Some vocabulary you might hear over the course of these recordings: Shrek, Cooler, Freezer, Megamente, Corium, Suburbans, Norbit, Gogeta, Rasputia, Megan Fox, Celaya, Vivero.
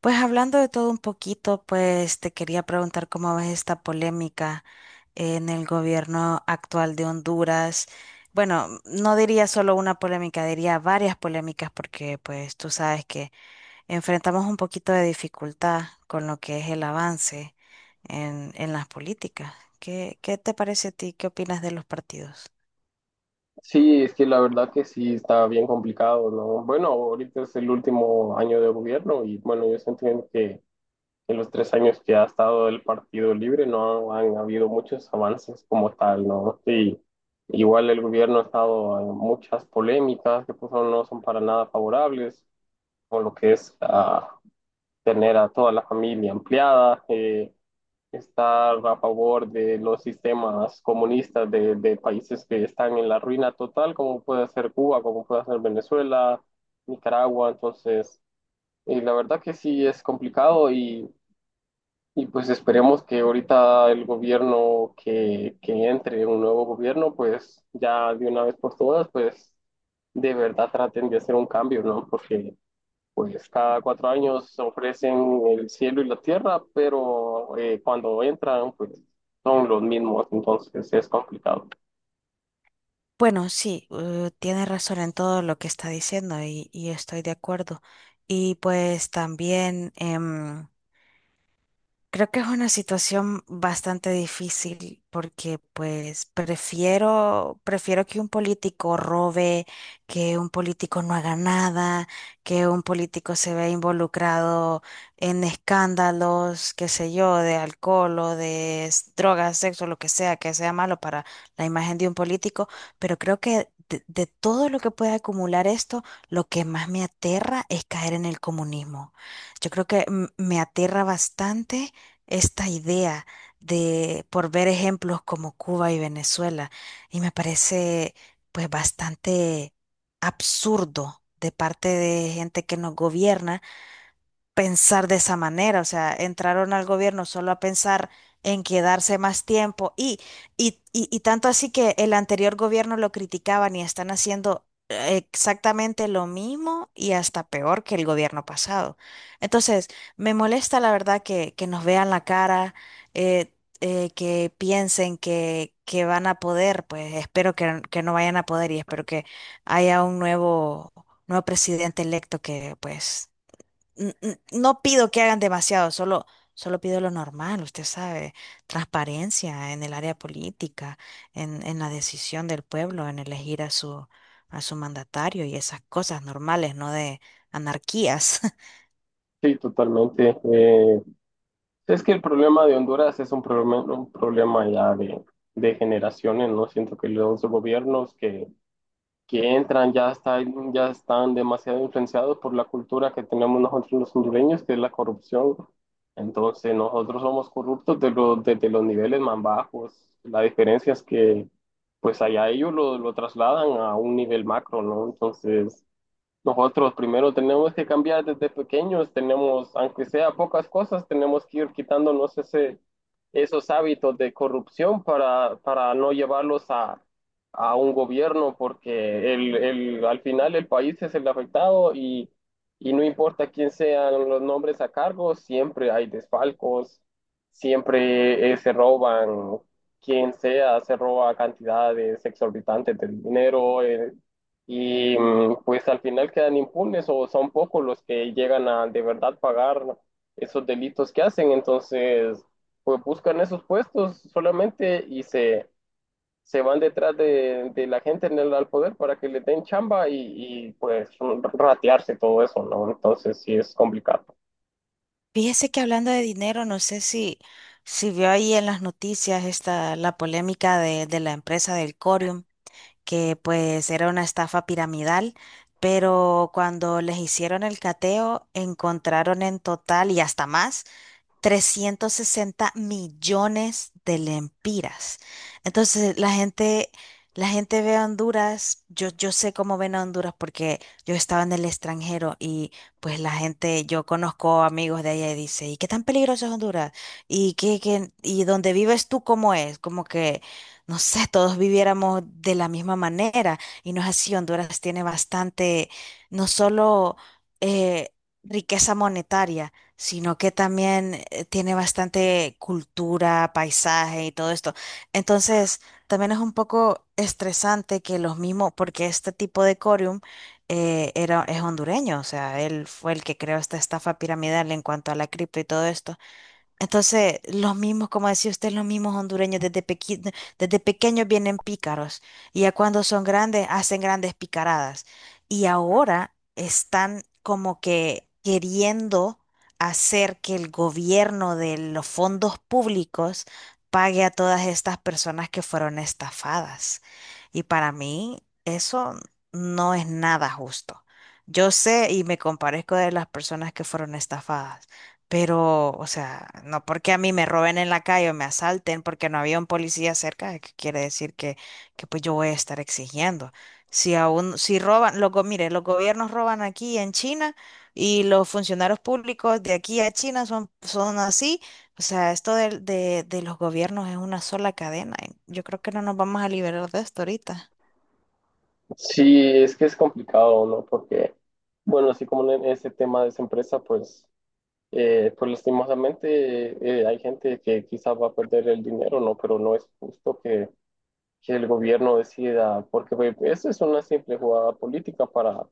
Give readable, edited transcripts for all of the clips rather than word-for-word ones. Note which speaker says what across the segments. Speaker 1: Pues hablando de todo un poquito, pues te quería preguntar cómo ves esta polémica en el gobierno actual de Honduras. Bueno, no diría solo una polémica, diría varias polémicas porque pues tú sabes que enfrentamos un poquito de dificultad con lo que es el avance en las políticas. ¿Qué te parece a ti? ¿Qué opinas de los partidos?
Speaker 2: Sí, es que la verdad que sí está bien complicado, ¿no? Bueno, ahorita es el último año de gobierno y bueno, yo entiendo que en los 3 años que ha estado el Partido Libre no han habido muchos avances como tal, ¿no? Sí, igual el gobierno ha estado en muchas polémicas que pues, no son para nada favorables, con lo que es tener a toda la familia ampliada. Estar a favor de los sistemas comunistas de países que están en la ruina total, como puede ser Cuba, como puede ser Venezuela, Nicaragua. Entonces, la verdad que sí es complicado y pues esperemos que ahorita el gobierno que entre, un nuevo gobierno, pues ya de una vez por todas, pues de verdad traten de hacer un cambio, ¿no? Porque pues cada 4 años ofrecen el cielo y la tierra, pero cuando entran, pues son los mismos, entonces es complicado.
Speaker 1: Bueno, sí, tiene razón en todo lo que está diciendo y estoy de acuerdo. Y pues también creo que es una situación bastante difícil porque pues prefiero que un político robe, que un político no haga nada, que un político se vea involucrado en escándalos, qué sé yo, de alcohol o de drogas, sexo, lo que sea malo para la imagen de un político, pero creo que de todo lo que puede acumular esto, lo que más me aterra es caer en el comunismo. Yo creo que me aterra bastante esta idea de, por ver ejemplos como Cuba y Venezuela, y me parece pues bastante absurdo de parte de gente que nos gobierna pensar de esa manera, o sea, entraron al gobierno solo a pensar en quedarse más tiempo y tanto así que el anterior gobierno lo criticaban y están haciendo exactamente lo mismo y hasta peor que el gobierno pasado. Entonces, me molesta la verdad que nos vean la cara, eh, que piensen que van a poder, pues espero que no vayan a poder y espero que haya un nuevo presidente electo que pues no pido que hagan demasiado, solo pido lo normal, usted sabe, transparencia en el área política, en la decisión del pueblo, en elegir a a su mandatario y esas cosas normales, no de anarquías.
Speaker 2: Sí, totalmente. Es que el problema de Honduras es un problema ya de generaciones, ¿no? Siento que los gobiernos que entran ya están demasiado influenciados por la cultura que tenemos nosotros los hondureños, que es la corrupción. Entonces nosotros somos corruptos de los, desde los niveles más bajos. La diferencia es que pues allá ellos lo trasladan a un nivel macro, ¿no? Entonces nosotros primero tenemos que cambiar desde pequeños, tenemos, aunque sea pocas cosas, tenemos que ir quitándonos ese, esos hábitos de corrupción para no llevarlos a un gobierno, porque al final el país es el afectado y no importa quién sean los nombres a cargo, siempre hay desfalcos, siempre se roban, quien sea, se roba cantidades exorbitantes de dinero. Y mm, pues al final quedan impunes o son pocos los que llegan a de verdad pagar esos delitos que hacen. Entonces, pues buscan esos puestos solamente y se van detrás de la gente en el, al poder para que le den chamba y, pues ratearse todo eso, ¿no? Entonces sí es complicado.
Speaker 1: Fíjese que hablando de dinero, no sé si vio ahí en las noticias esta, la polémica de la empresa del Corium, que pues era una estafa piramidal, pero cuando les hicieron el cateo encontraron en total y hasta más 360 millones de lempiras. Entonces, la gente ve a Honduras, yo sé cómo ven a Honduras porque yo estaba en el extranjero y pues la gente, yo conozco amigos de allá y dice, ¿y qué tan peligroso es Honduras? ¿Y qué, qué- y dónde vives tú cómo es? Como que, no sé, todos viviéramos de la misma manera y no es así. Honduras tiene bastante, no solo eh, riqueza monetaria, sino que también tiene bastante cultura, paisaje y todo esto. Entonces, también es un poco estresante que los mismos, porque este tipo de corium es hondureño, o sea, él fue el que creó esta estafa piramidal en cuanto a la cripto y todo esto. Entonces, los mismos, como decía usted, los mismos hondureños desde pequeños vienen pícaros y ya cuando son grandes hacen grandes picaradas. Y ahora están como que queriendo hacer que el gobierno de los fondos públicos pague a todas estas personas que fueron estafadas. Y para mí eso no es nada justo. Yo sé y me comparezco de las personas que fueron estafadas. Pero, o sea, no porque a mí me roben en la calle o me asalten porque no había un policía cerca, que quiere decir que pues yo voy a estar exigiendo. Si aún, si roban, mire, los gobiernos roban aquí en China y los funcionarios públicos de aquí a China son, son así. O sea, esto de los gobiernos es una sola cadena. Y yo creo que no nos vamos a liberar de esto ahorita.
Speaker 2: Sí, es que es complicado, ¿no? Porque, bueno, así como en ese tema de esa empresa, pues pues lastimosamente hay gente que quizás va a perder el dinero, ¿no? Pero no es justo que el gobierno decida, porque pues, eso es una simple jugada política para,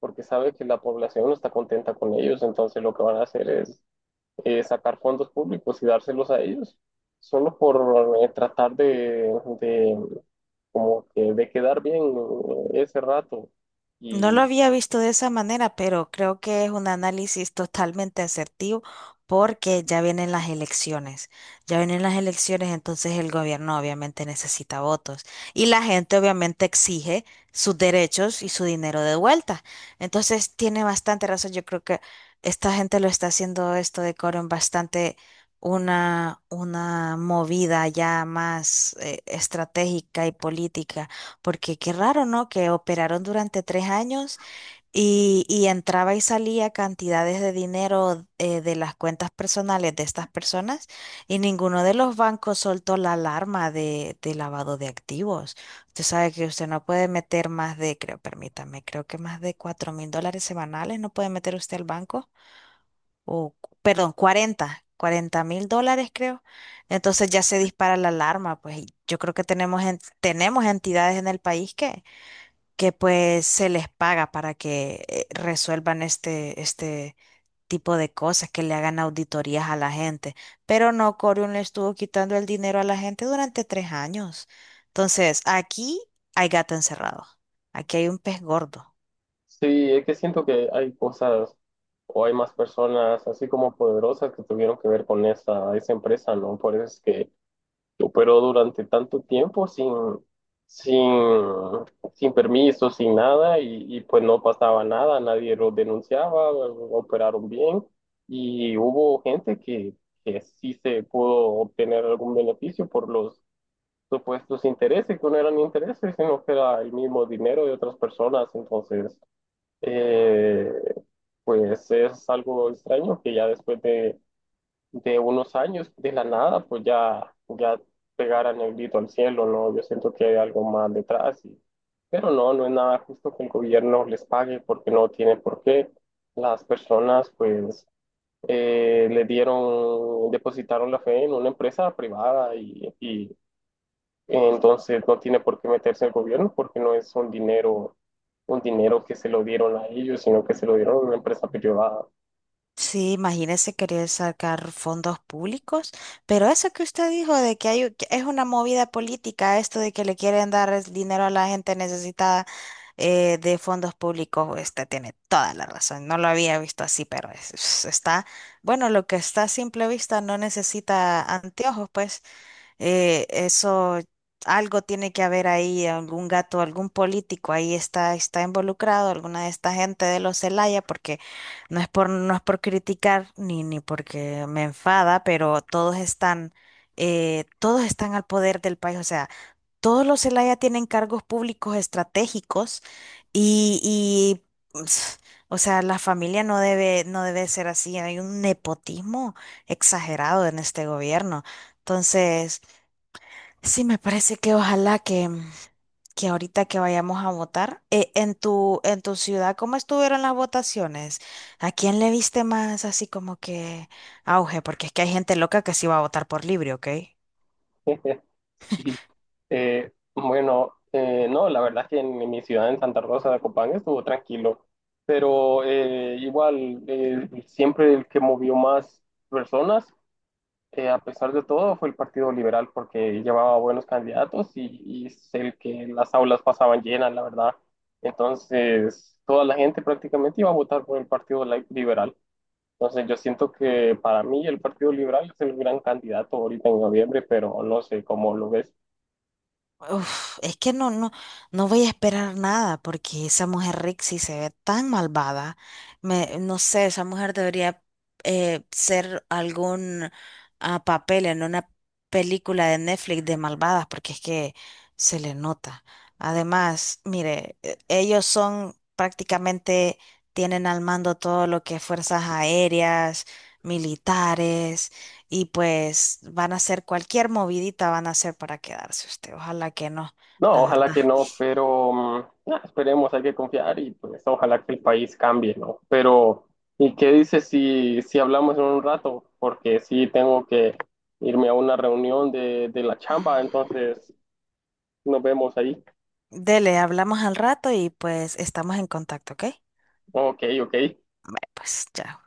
Speaker 2: porque sabe que la población no está contenta con ellos, entonces lo que van a hacer es sacar fondos públicos y dárselos a ellos, solo por tratar de como que de quedar bien ese rato.
Speaker 1: No lo había visto de esa manera, pero creo que es un análisis totalmente asertivo porque ya vienen las elecciones. Ya vienen las elecciones, entonces el gobierno obviamente necesita votos y la gente obviamente exige sus derechos y su dinero de vuelta. Entonces tiene bastante razón. Yo creo que esta gente lo está haciendo esto de Coren bastante una movida ya más estratégica y política porque qué raro, ¿no? Que operaron durante 3 años y entraba y salía cantidades de dinero de las cuentas personales de estas personas y ninguno de los bancos soltó la alarma de lavado de activos. Usted sabe que usted no puede meter más de, creo, permítame, creo que más de $4,000 semanales no puede meter usted al banco. O, perdón, 40 mil dólares creo. Entonces ya se dispara la alarma, pues y yo creo que tenemos, tenemos entidades en el país que pues se les paga para que resuelvan este tipo de cosas, que le hagan auditorías a la gente. Pero no, Corium le estuvo quitando el dinero a la gente durante 3 años. Entonces, aquí hay gato encerrado. Aquí hay un pez gordo.
Speaker 2: Sí, es que siento que hay cosas o hay más personas así como poderosas que tuvieron que ver con esa, esa empresa, ¿no? Por eso es que operó durante tanto tiempo sin, sin, sin permiso, sin nada y, y pues no pasaba nada, nadie lo denunciaba, operaron bien y hubo gente que sí se pudo obtener algún beneficio por los supuestos intereses, que no eran intereses, sino que era el mismo dinero de otras personas, entonces eh, pues es algo extraño que ya después de unos años, de la nada, pues ya, ya pegaran el grito al cielo, ¿no? Yo siento que hay algo más detrás, y- pero no, no es nada justo que el gobierno les pague porque no tiene por qué. Las personas, pues, le dieron, depositaron la fe en una empresa privada y entonces no tiene por qué meterse el gobierno porque no es un dinero que se lo dieron a ellos, sino que se lo dieron a una empresa privada.
Speaker 1: Sí, imagínese querer sacar fondos públicos, pero eso que usted dijo de que hay, que es una movida política, esto de que le quieren dar es dinero a la gente necesitada de fondos públicos, usted tiene toda la razón. No lo había visto así, pero está, bueno, lo que está a simple vista no necesita anteojos, pues. Eso, algo tiene que haber ahí, algún gato, algún político ahí está, está involucrado, alguna de esta gente de los Celaya, porque no es por criticar ni porque me enfada, pero todos están al poder del país. O sea, todos los Celaya tienen cargos públicos estratégicos y, y ps, o sea, la familia no debe ser así. Hay un nepotismo exagerado en este gobierno. Entonces, sí, me parece que ojalá que ahorita que vayamos a votar, en tu ciudad, ¿cómo estuvieron las votaciones? ¿A quién le viste más así como que auge? Porque es que hay gente loca que sí va a votar por libre, ¿ok?
Speaker 2: Sí. Bueno, no, la verdad es que en mi ciudad, en Santa Rosa de Copán, estuvo tranquilo, pero igual, siempre el que movió más personas a pesar de todo, fue el Partido Liberal porque llevaba buenos candidatos y es el que las aulas pasaban llenas, la verdad. Entonces, toda la gente prácticamente iba a votar por el Partido Liberal. Entonces, yo siento que para mí el Partido Liberal es el gran candidato ahorita en noviembre, pero no sé cómo lo ves.
Speaker 1: Uf, es que no voy a esperar nada porque esa mujer Rixie se ve tan malvada. Me, no sé, esa mujer debería ser algún papel en una película de Netflix de malvadas porque es que se le nota. Además, mire, ellos son prácticamente, tienen al mando todo lo que es fuerzas aéreas, militares y pues van a hacer cualquier movidita, van a hacer para quedarse usted. Ojalá que no,
Speaker 2: No,
Speaker 1: la
Speaker 2: ojalá
Speaker 1: verdad.
Speaker 2: que no, pero nah, esperemos, hay que confiar y pues ojalá que el país cambie, ¿no? Pero, ¿y qué dices si, si hablamos en un rato? Porque sí tengo que irme a una reunión de la chamba, entonces nos vemos ahí.
Speaker 1: Dele, hablamos al rato y pues estamos en contacto, ¿ok? Ay,
Speaker 2: Ok, ok.
Speaker 1: pues chao.